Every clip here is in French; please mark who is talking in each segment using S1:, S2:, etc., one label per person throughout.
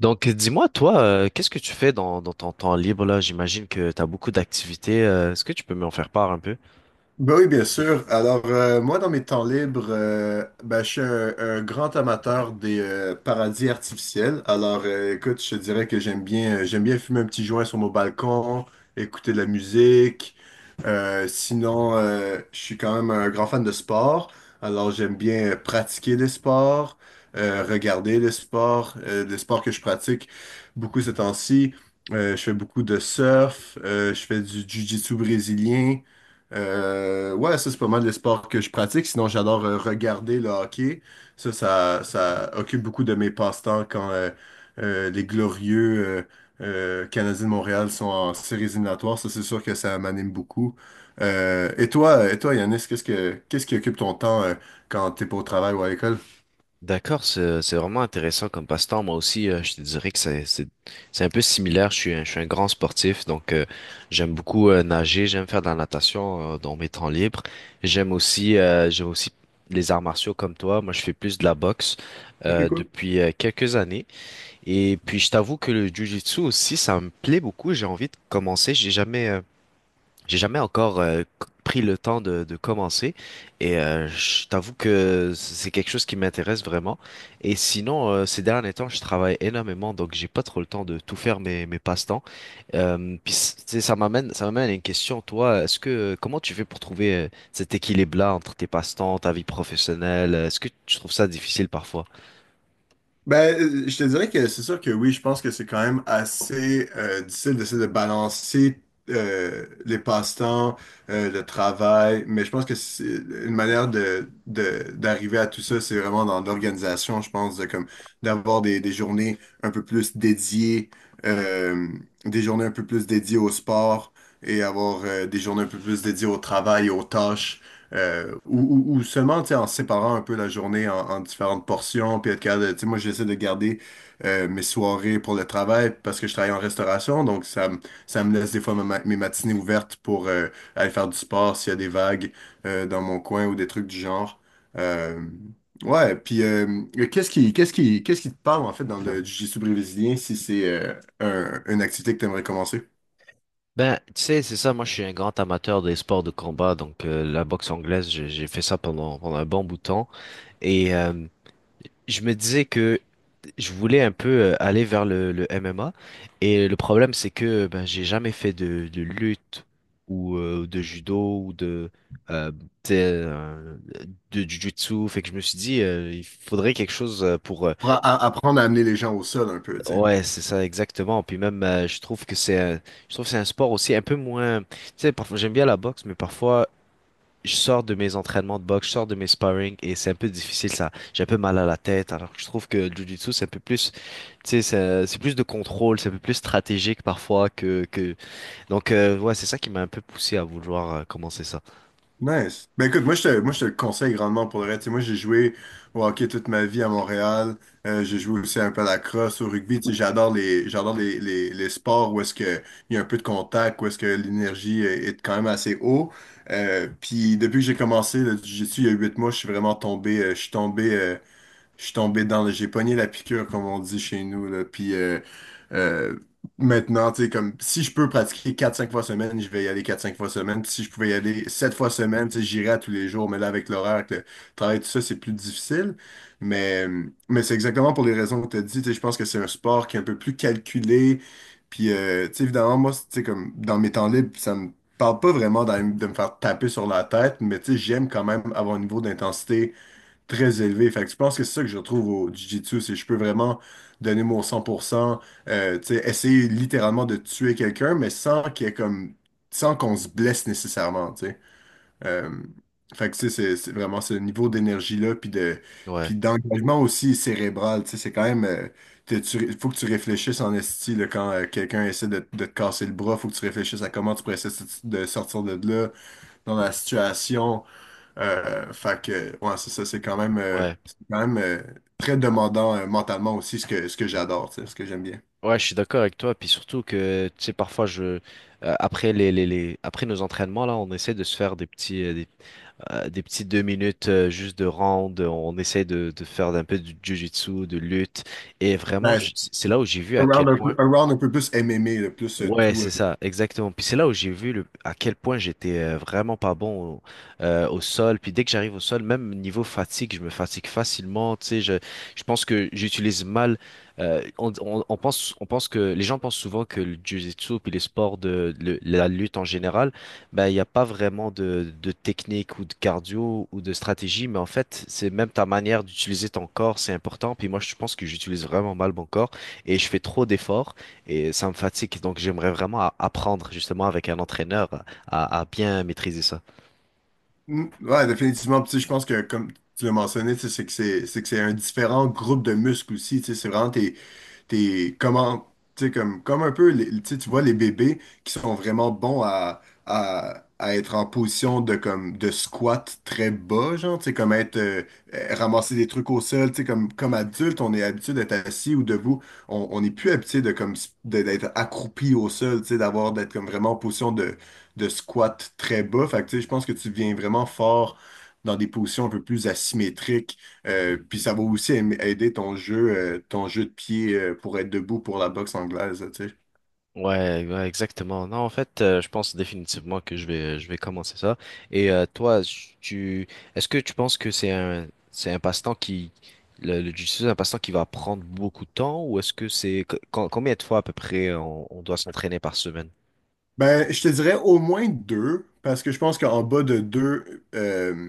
S1: Donc, dis-moi, toi, qu'est-ce que tu fais dans ton temps libre là? J'imagine que tu as beaucoup d'activités. Est-ce que tu peux m'en faire part un peu?
S2: Ben oui, bien sûr. Alors, moi, dans mes temps libres, ben, je suis un grand amateur des paradis artificiels. Alors, écoute, je te dirais que j'aime bien fumer un petit joint sur mon balcon, écouter de la musique. Sinon, je suis quand même un grand fan de sport. Alors, j'aime bien pratiquer des sports, regarder des sports que je pratique beaucoup ces temps-ci. Je fais beaucoup de surf, je fais du jiu-jitsu brésilien. Ouais, ça c'est pas mal les sports que je pratique. Sinon, j'adore regarder le hockey. Ça occupe beaucoup de mes passe-temps quand les glorieux Canadiens de Montréal sont en séries éliminatoires. Ça, c'est sûr que ça m'anime beaucoup. Et toi, et toi, Yanis, qu'est-ce qui occupe ton temps quand t'es pas au travail ou à l'école?
S1: D'accord, c'est vraiment intéressant comme passe-temps. Moi aussi, je te dirais que c'est un peu similaire. Je suis un grand sportif, donc j'aime beaucoup nager, j'aime faire de la natation dans mes temps libres. J'aime aussi les arts martiaux comme toi. Moi, je fais plus de la boxe
S2: Ok, cool.
S1: depuis quelques années. Et puis, je t'avoue que le jiu-jitsu aussi, ça me plaît beaucoup. J'ai envie de commencer. J'ai jamais encore pris le temps de commencer et je t'avoue que c'est quelque chose qui m'intéresse vraiment. Et sinon, ces derniers temps, je travaille énormément, donc j'ai pas trop le temps de tout faire mes passe-temps. Puis tu sais, ça m'amène à une question. Toi, est-ce que comment tu fais pour trouver cet équilibre-là entre tes passe-temps, ta vie professionnelle? Est-ce que tu trouves ça difficile parfois?
S2: Ben, je te dirais que c'est sûr que oui, je pense que c'est quand même assez difficile d'essayer de balancer les passe-temps, le travail, mais je pense que c'est une manière d'arriver à tout ça, c'est vraiment dans l'organisation, je pense, de, comme d'avoir des journées un peu plus dédiées, euh, au sport et avoir des journées un peu plus dédiées au travail, aux tâches. Ou seulement, tu sais, en séparant un peu la journée en différentes portions, puis être capable tu sais, moi, j'essaie de garder mes soirées pour le travail parce que je travaille en restauration, donc ça me laisse des fois mes matinées ouvertes pour aller faire du sport s'il y a des vagues dans mon coin ou des trucs du genre. Euh, ouais, puis qu'est-ce qui te parle, en fait, dans le jiu-jitsu brésilien si c'est une activité que tu aimerais commencer?
S1: Ben, tu sais, c'est ça, moi je suis un grand amateur des sports de combat, donc la boxe anglaise, j'ai fait ça pendant un bon bout de temps. Et je me disais que je voulais un peu aller vers le MMA et le problème c'est que ben j'ai jamais fait de lutte ou de judo ou de euh, t'sais, euh, de jujutsu fait que je me suis dit il faudrait quelque chose pour
S2: Pour apprendre à amener les gens au sol un peu, tu sais.
S1: ouais c'est ça exactement puis même je trouve que c'est un sport aussi un peu moins tu sais parfois j'aime bien la boxe mais parfois je sors de mes entraînements de boxe je sors de mes sparring et c'est un peu difficile ça j'ai un peu mal à la tête alors que je trouve que le jujutsu c'est un peu plus. Tu sais, c'est plus de contrôle, c'est un peu plus stratégique parfois que... Donc, ouais, c'est ça qui m'a un peu poussé à vouloir commencer ça.
S2: Nice. Ben écoute, moi je te le conseille grandement pour le reste. Tu sais, moi j'ai joué au hockey toute ma vie à Montréal. J'ai joué aussi un peu à la crosse, au rugby. Tu sais, j'adore les sports où est-ce que il y a un peu de contact, où est-ce que l'énergie est quand même assez haut. Puis depuis que j'ai commencé le jiu-jitsu il y a 8 mois, je suis vraiment tombé, je suis tombé je suis tombé dans le. J'ai pogné la piqûre, comme on dit chez nous, là. Puis euh, maintenant, tu sais, comme si je peux pratiquer quatre cinq fois semaine, je vais y aller quatre cinq fois semaine. Puis si je pouvais y aller 7 fois semaine, tu sais, j'irais à tous les jours. Mais là, avec l'horaire, avec le travail, tout ça, c'est plus difficile. Mais, mais c'est exactement pour les raisons que tu as dit. Tu sais, je pense que c'est un sport qui est un peu plus calculé. Puis, tu sais, évidemment, moi, tu sais, comme dans mes temps libres, ça me parle pas vraiment de me faire taper sur la tête, mais tu sais, j'aime quand même avoir un niveau d'intensité très élevé. Fait que je pense que c'est ça que je retrouve au Jiu-Jitsu, c'est que je peux vraiment donner mon 100%, tu sais, essayer littéralement de tuer quelqu'un, mais sans qu'il y ait comme, sans qu'on se blesse nécessairement, euh, fait que tu sais, c'est vraiment ce niveau d'énergie-là,
S1: Ouais,
S2: puis d'engagement aussi cérébral. Tu sais, c'est quand même, faut que tu réfléchisses en esti là, quand quelqu'un essaie de te casser le bras, il faut que tu réfléchisses à comment tu pourrais essayer de sortir de là dans la situation. Fait que, ouais, c'est ça,
S1: ouais,
S2: c'est quand même très demandant mentalement aussi, ce que j'adore, tu sais, ce que j'aime bien.
S1: ouais, je suis d'accord avec toi. Puis surtout que, tu sais, parfois, après après nos entraînements, là, on essaie de se faire des petits, des petits deux minutes juste de round. On essaie de faire un peu du jiu-jitsu, de lutte. Et vraiment,
S2: Ouais, c'est
S1: c'est là où j'ai vu à quel point.
S2: un round un peu plus MMA, là, plus
S1: Ouais,
S2: tout.
S1: c'est ça, exactement. Puis c'est là où j'ai vu à quel point j'étais vraiment pas bon au, au sol. Puis dès que j'arrive au sol, même niveau fatigue, je me fatigue facilement. Tu sais, je pense que j'utilise mal. On pense, on pense que les gens pensent souvent que le jiu-jitsu puis les sports de, la lutte en général, ben il n'y a pas vraiment de technique ou de cardio ou de stratégie. Mais en fait, c'est même ta manière d'utiliser ton corps, c'est important. Puis moi, je pense que j'utilise vraiment mal mon corps et je fais trop d'efforts. Et ça me fatigue, donc j'aimerais vraiment apprendre justement avec un entraîneur à bien maîtriser ça.
S2: Mm, ouais, définitivement. Puis, tu sais, je pense que, comme tu l'as mentionné, tu sais, c'est que c'est un différent groupe de muscles aussi. Tu sais, c'est vraiment comment, tu sais, comme un peu, tu sais, tu vois les bébés qui sont vraiment bons à être en position de, comme, de squat très bas, genre, tu sais, ramasser des trucs au sol. Tu sais, comme adulte, on est habitué d'être assis ou debout. On n'est plus habitué de, comme, s- de- d'être accroupi au sol, tu sais, d'être comme vraiment en position de squat très bas. Fait que, tu sais, je pense que tu deviens vraiment fort dans des positions un peu plus asymétriques. Puis ça va aussi aider ton jeu de pied pour être debout pour la boxe anglaise, tu sais.
S1: Ouais, ouais, exactement. Non, en fait, je pense définitivement que je vais commencer ça. Et toi, tu, est-ce que tu penses que c'est un passe-temps qui, le jiu-jitsu, c'est un passe-temps qui va prendre beaucoup de temps, ou est-ce que c'est, combien de fois à peu près on doit s'entraîner par semaine?
S2: Ben, je te dirais au moins deux, parce que je pense qu'en bas de deux, euh,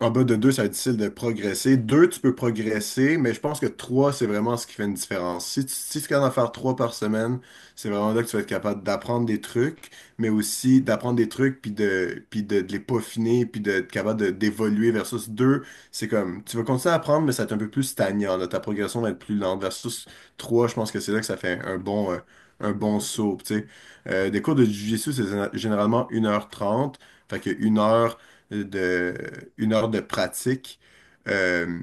S2: en bas de deux, ça va être difficile de progresser. Deux, tu peux progresser, mais je pense que trois, c'est vraiment ce qui fait une différence. Si tu es capable d'en faire trois par semaine, c'est vraiment là que tu vas être capable d'apprendre des trucs, mais aussi d'apprendre des trucs, de les peaufiner, puis d'être d'évoluer versus deux. C'est comme, tu vas continuer à apprendre, mais ça va être un peu plus stagnant, là. Ta progression va être plus lente versus trois, je pense que c'est là que ça fait un bon saut, tu sais. Des cours de Jiu-Jitsu, c'est généralement 1 h 30, fait que de, une heure de pratique. Euh,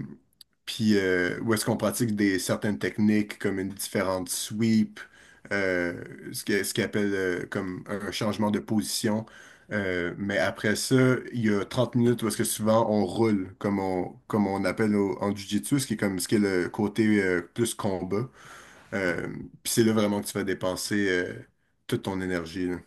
S2: puis où est-ce qu'on pratique certaines techniques comme une différente sweep, euh, ce qu'ils appellent comme un changement de position. Mais après ça, il y a 30 minutes où est-ce que souvent on roule, comme on appelle en jiu-jitsu, ce qui est le côté plus combat. Euh, puis c'est là vraiment que tu vas dépenser toute ton énergie, là.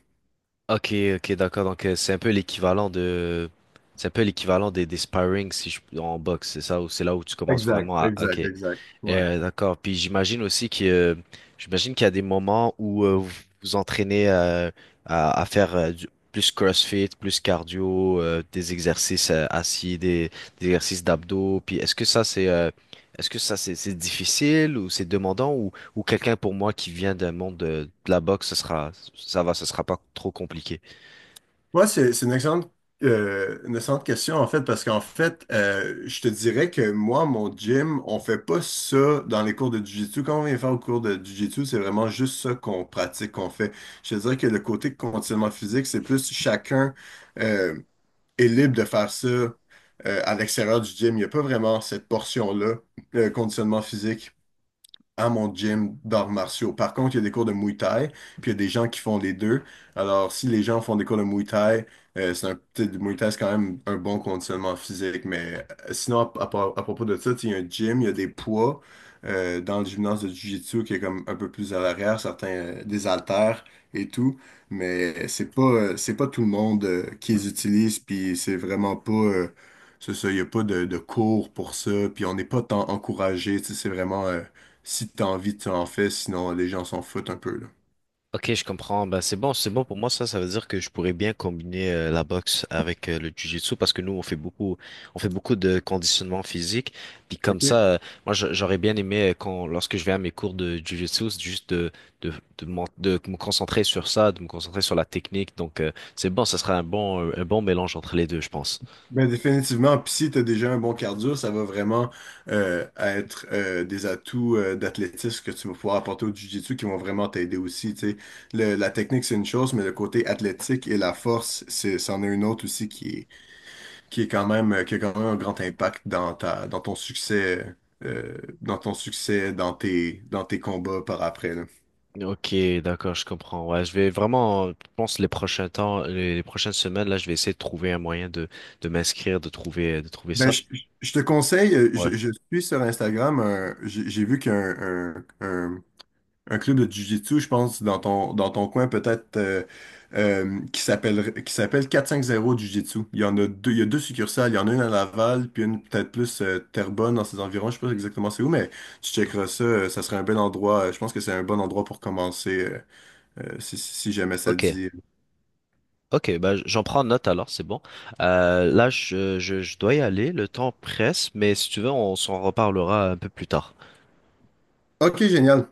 S1: Ok, ok, d'accord. Donc c'est un peu l'équivalent de, c'est un peu l'équivalent des sparring si je en boxe, c'est ça, ou c'est là où tu commences
S2: Exact,
S1: vraiment à, ok.
S2: exact, exact. Ouais.
S1: D'accord. Puis j'imagine aussi que j'imagine qu'il y a des moments où vous vous entraînez à faire plus CrossFit, plus cardio, des exercices assis, des exercices d'abdos. Puis est-ce que ça c'est difficile ou c'est demandant ou quelqu'un pour moi qui vient d'un monde de la boxe, ce sera ça va, ce sera pas trop compliqué.
S2: Moi c'est une excellente question, en fait, parce qu'en fait, je te dirais que moi, mon gym, on fait pas ça dans les cours de Jiu-Jitsu. Quand on vient faire au cours de Jiu-Jitsu, c'est vraiment juste ça qu'on pratique, qu'on fait. Je te dirais que le côté conditionnement physique, c'est plus chacun euh, est libre de faire ça à l'extérieur du gym. Il n'y a pas vraiment cette portion-là, conditionnement physique. À mon gym d'arts martiaux. Par contre, il y a des cours de Muay Thai, puis il y a des gens qui font les deux. Alors, si les gens font des cours de Muay Thai, c'est un petit du Muay Thai, c'est quand même un bon conditionnement physique. Mais sinon, à propos de ça, tu sais, il y a un gym, il y a des poids dans le gymnase de Jiu-Jitsu qui est comme un peu plus à l'arrière, certains des haltères et tout. Mais c'est pas tout le monde qui les utilise, puis c'est vraiment pas c'est ça, il n'y a pas de cours pour ça, puis on n'est pas tant encouragé, tu sais, c'est vraiment. Si t'as envie, tu en fais, sinon les gens s'en foutent un peu, là.
S1: Ok, je comprends. Ben, c'est bon pour moi. Ça veut dire que je pourrais bien combiner la boxe avec le jiu-jitsu parce que nous, on fait beaucoup de conditionnement physique. Puis comme ça,
S2: OK.
S1: moi, j'aurais bien aimé quand, lorsque je vais à mes cours de jiu-jitsu, c'est juste de, de, de me concentrer sur ça, de me concentrer sur la technique. Donc, c'est bon. Ça sera un bon mélange entre les deux, je pense.
S2: Ben définitivement, puis si tu as déjà un bon cardio, ça va vraiment être des atouts d'athlétisme que tu vas pouvoir apporter au jiu-jitsu qui vont vraiment t'aider aussi. Tu sais. La technique, c'est une chose, mais le côté athlétique et la force, c'en est une autre aussi qui est quand même, qui a quand même un grand impact dans dans dans ton succès, dans dans tes combats par après, là.
S1: Ok, d'accord, je comprends. Ouais, je vais vraiment, je pense les prochains temps, les prochaines semaines, là, je vais essayer de trouver un moyen de m'inscrire, de trouver
S2: Ben,
S1: ça.
S2: je te conseille,
S1: Ouais.
S2: je suis sur Instagram, j'ai vu qu'il y a un club de Jiu-Jitsu, je pense, dans dans ton coin peut-être, qui s'appelle 450 Jiu-Jitsu. Il y en a deux, il y a deux succursales, il y en a une à Laval, puis une peut-être plus Terrebonne dans ses environs, je sais pas exactement c'est où, mais tu checkeras ça, ça serait un bel endroit, je pense que c'est un bon endroit pour commencer, si jamais ça te
S1: Ok,
S2: dit.
S1: ok, bah, j'en prends note alors, c'est bon. Là, je dois y aller, le temps presse, mais si tu veux, on s'en reparlera un peu plus tard.
S2: Ok, génial.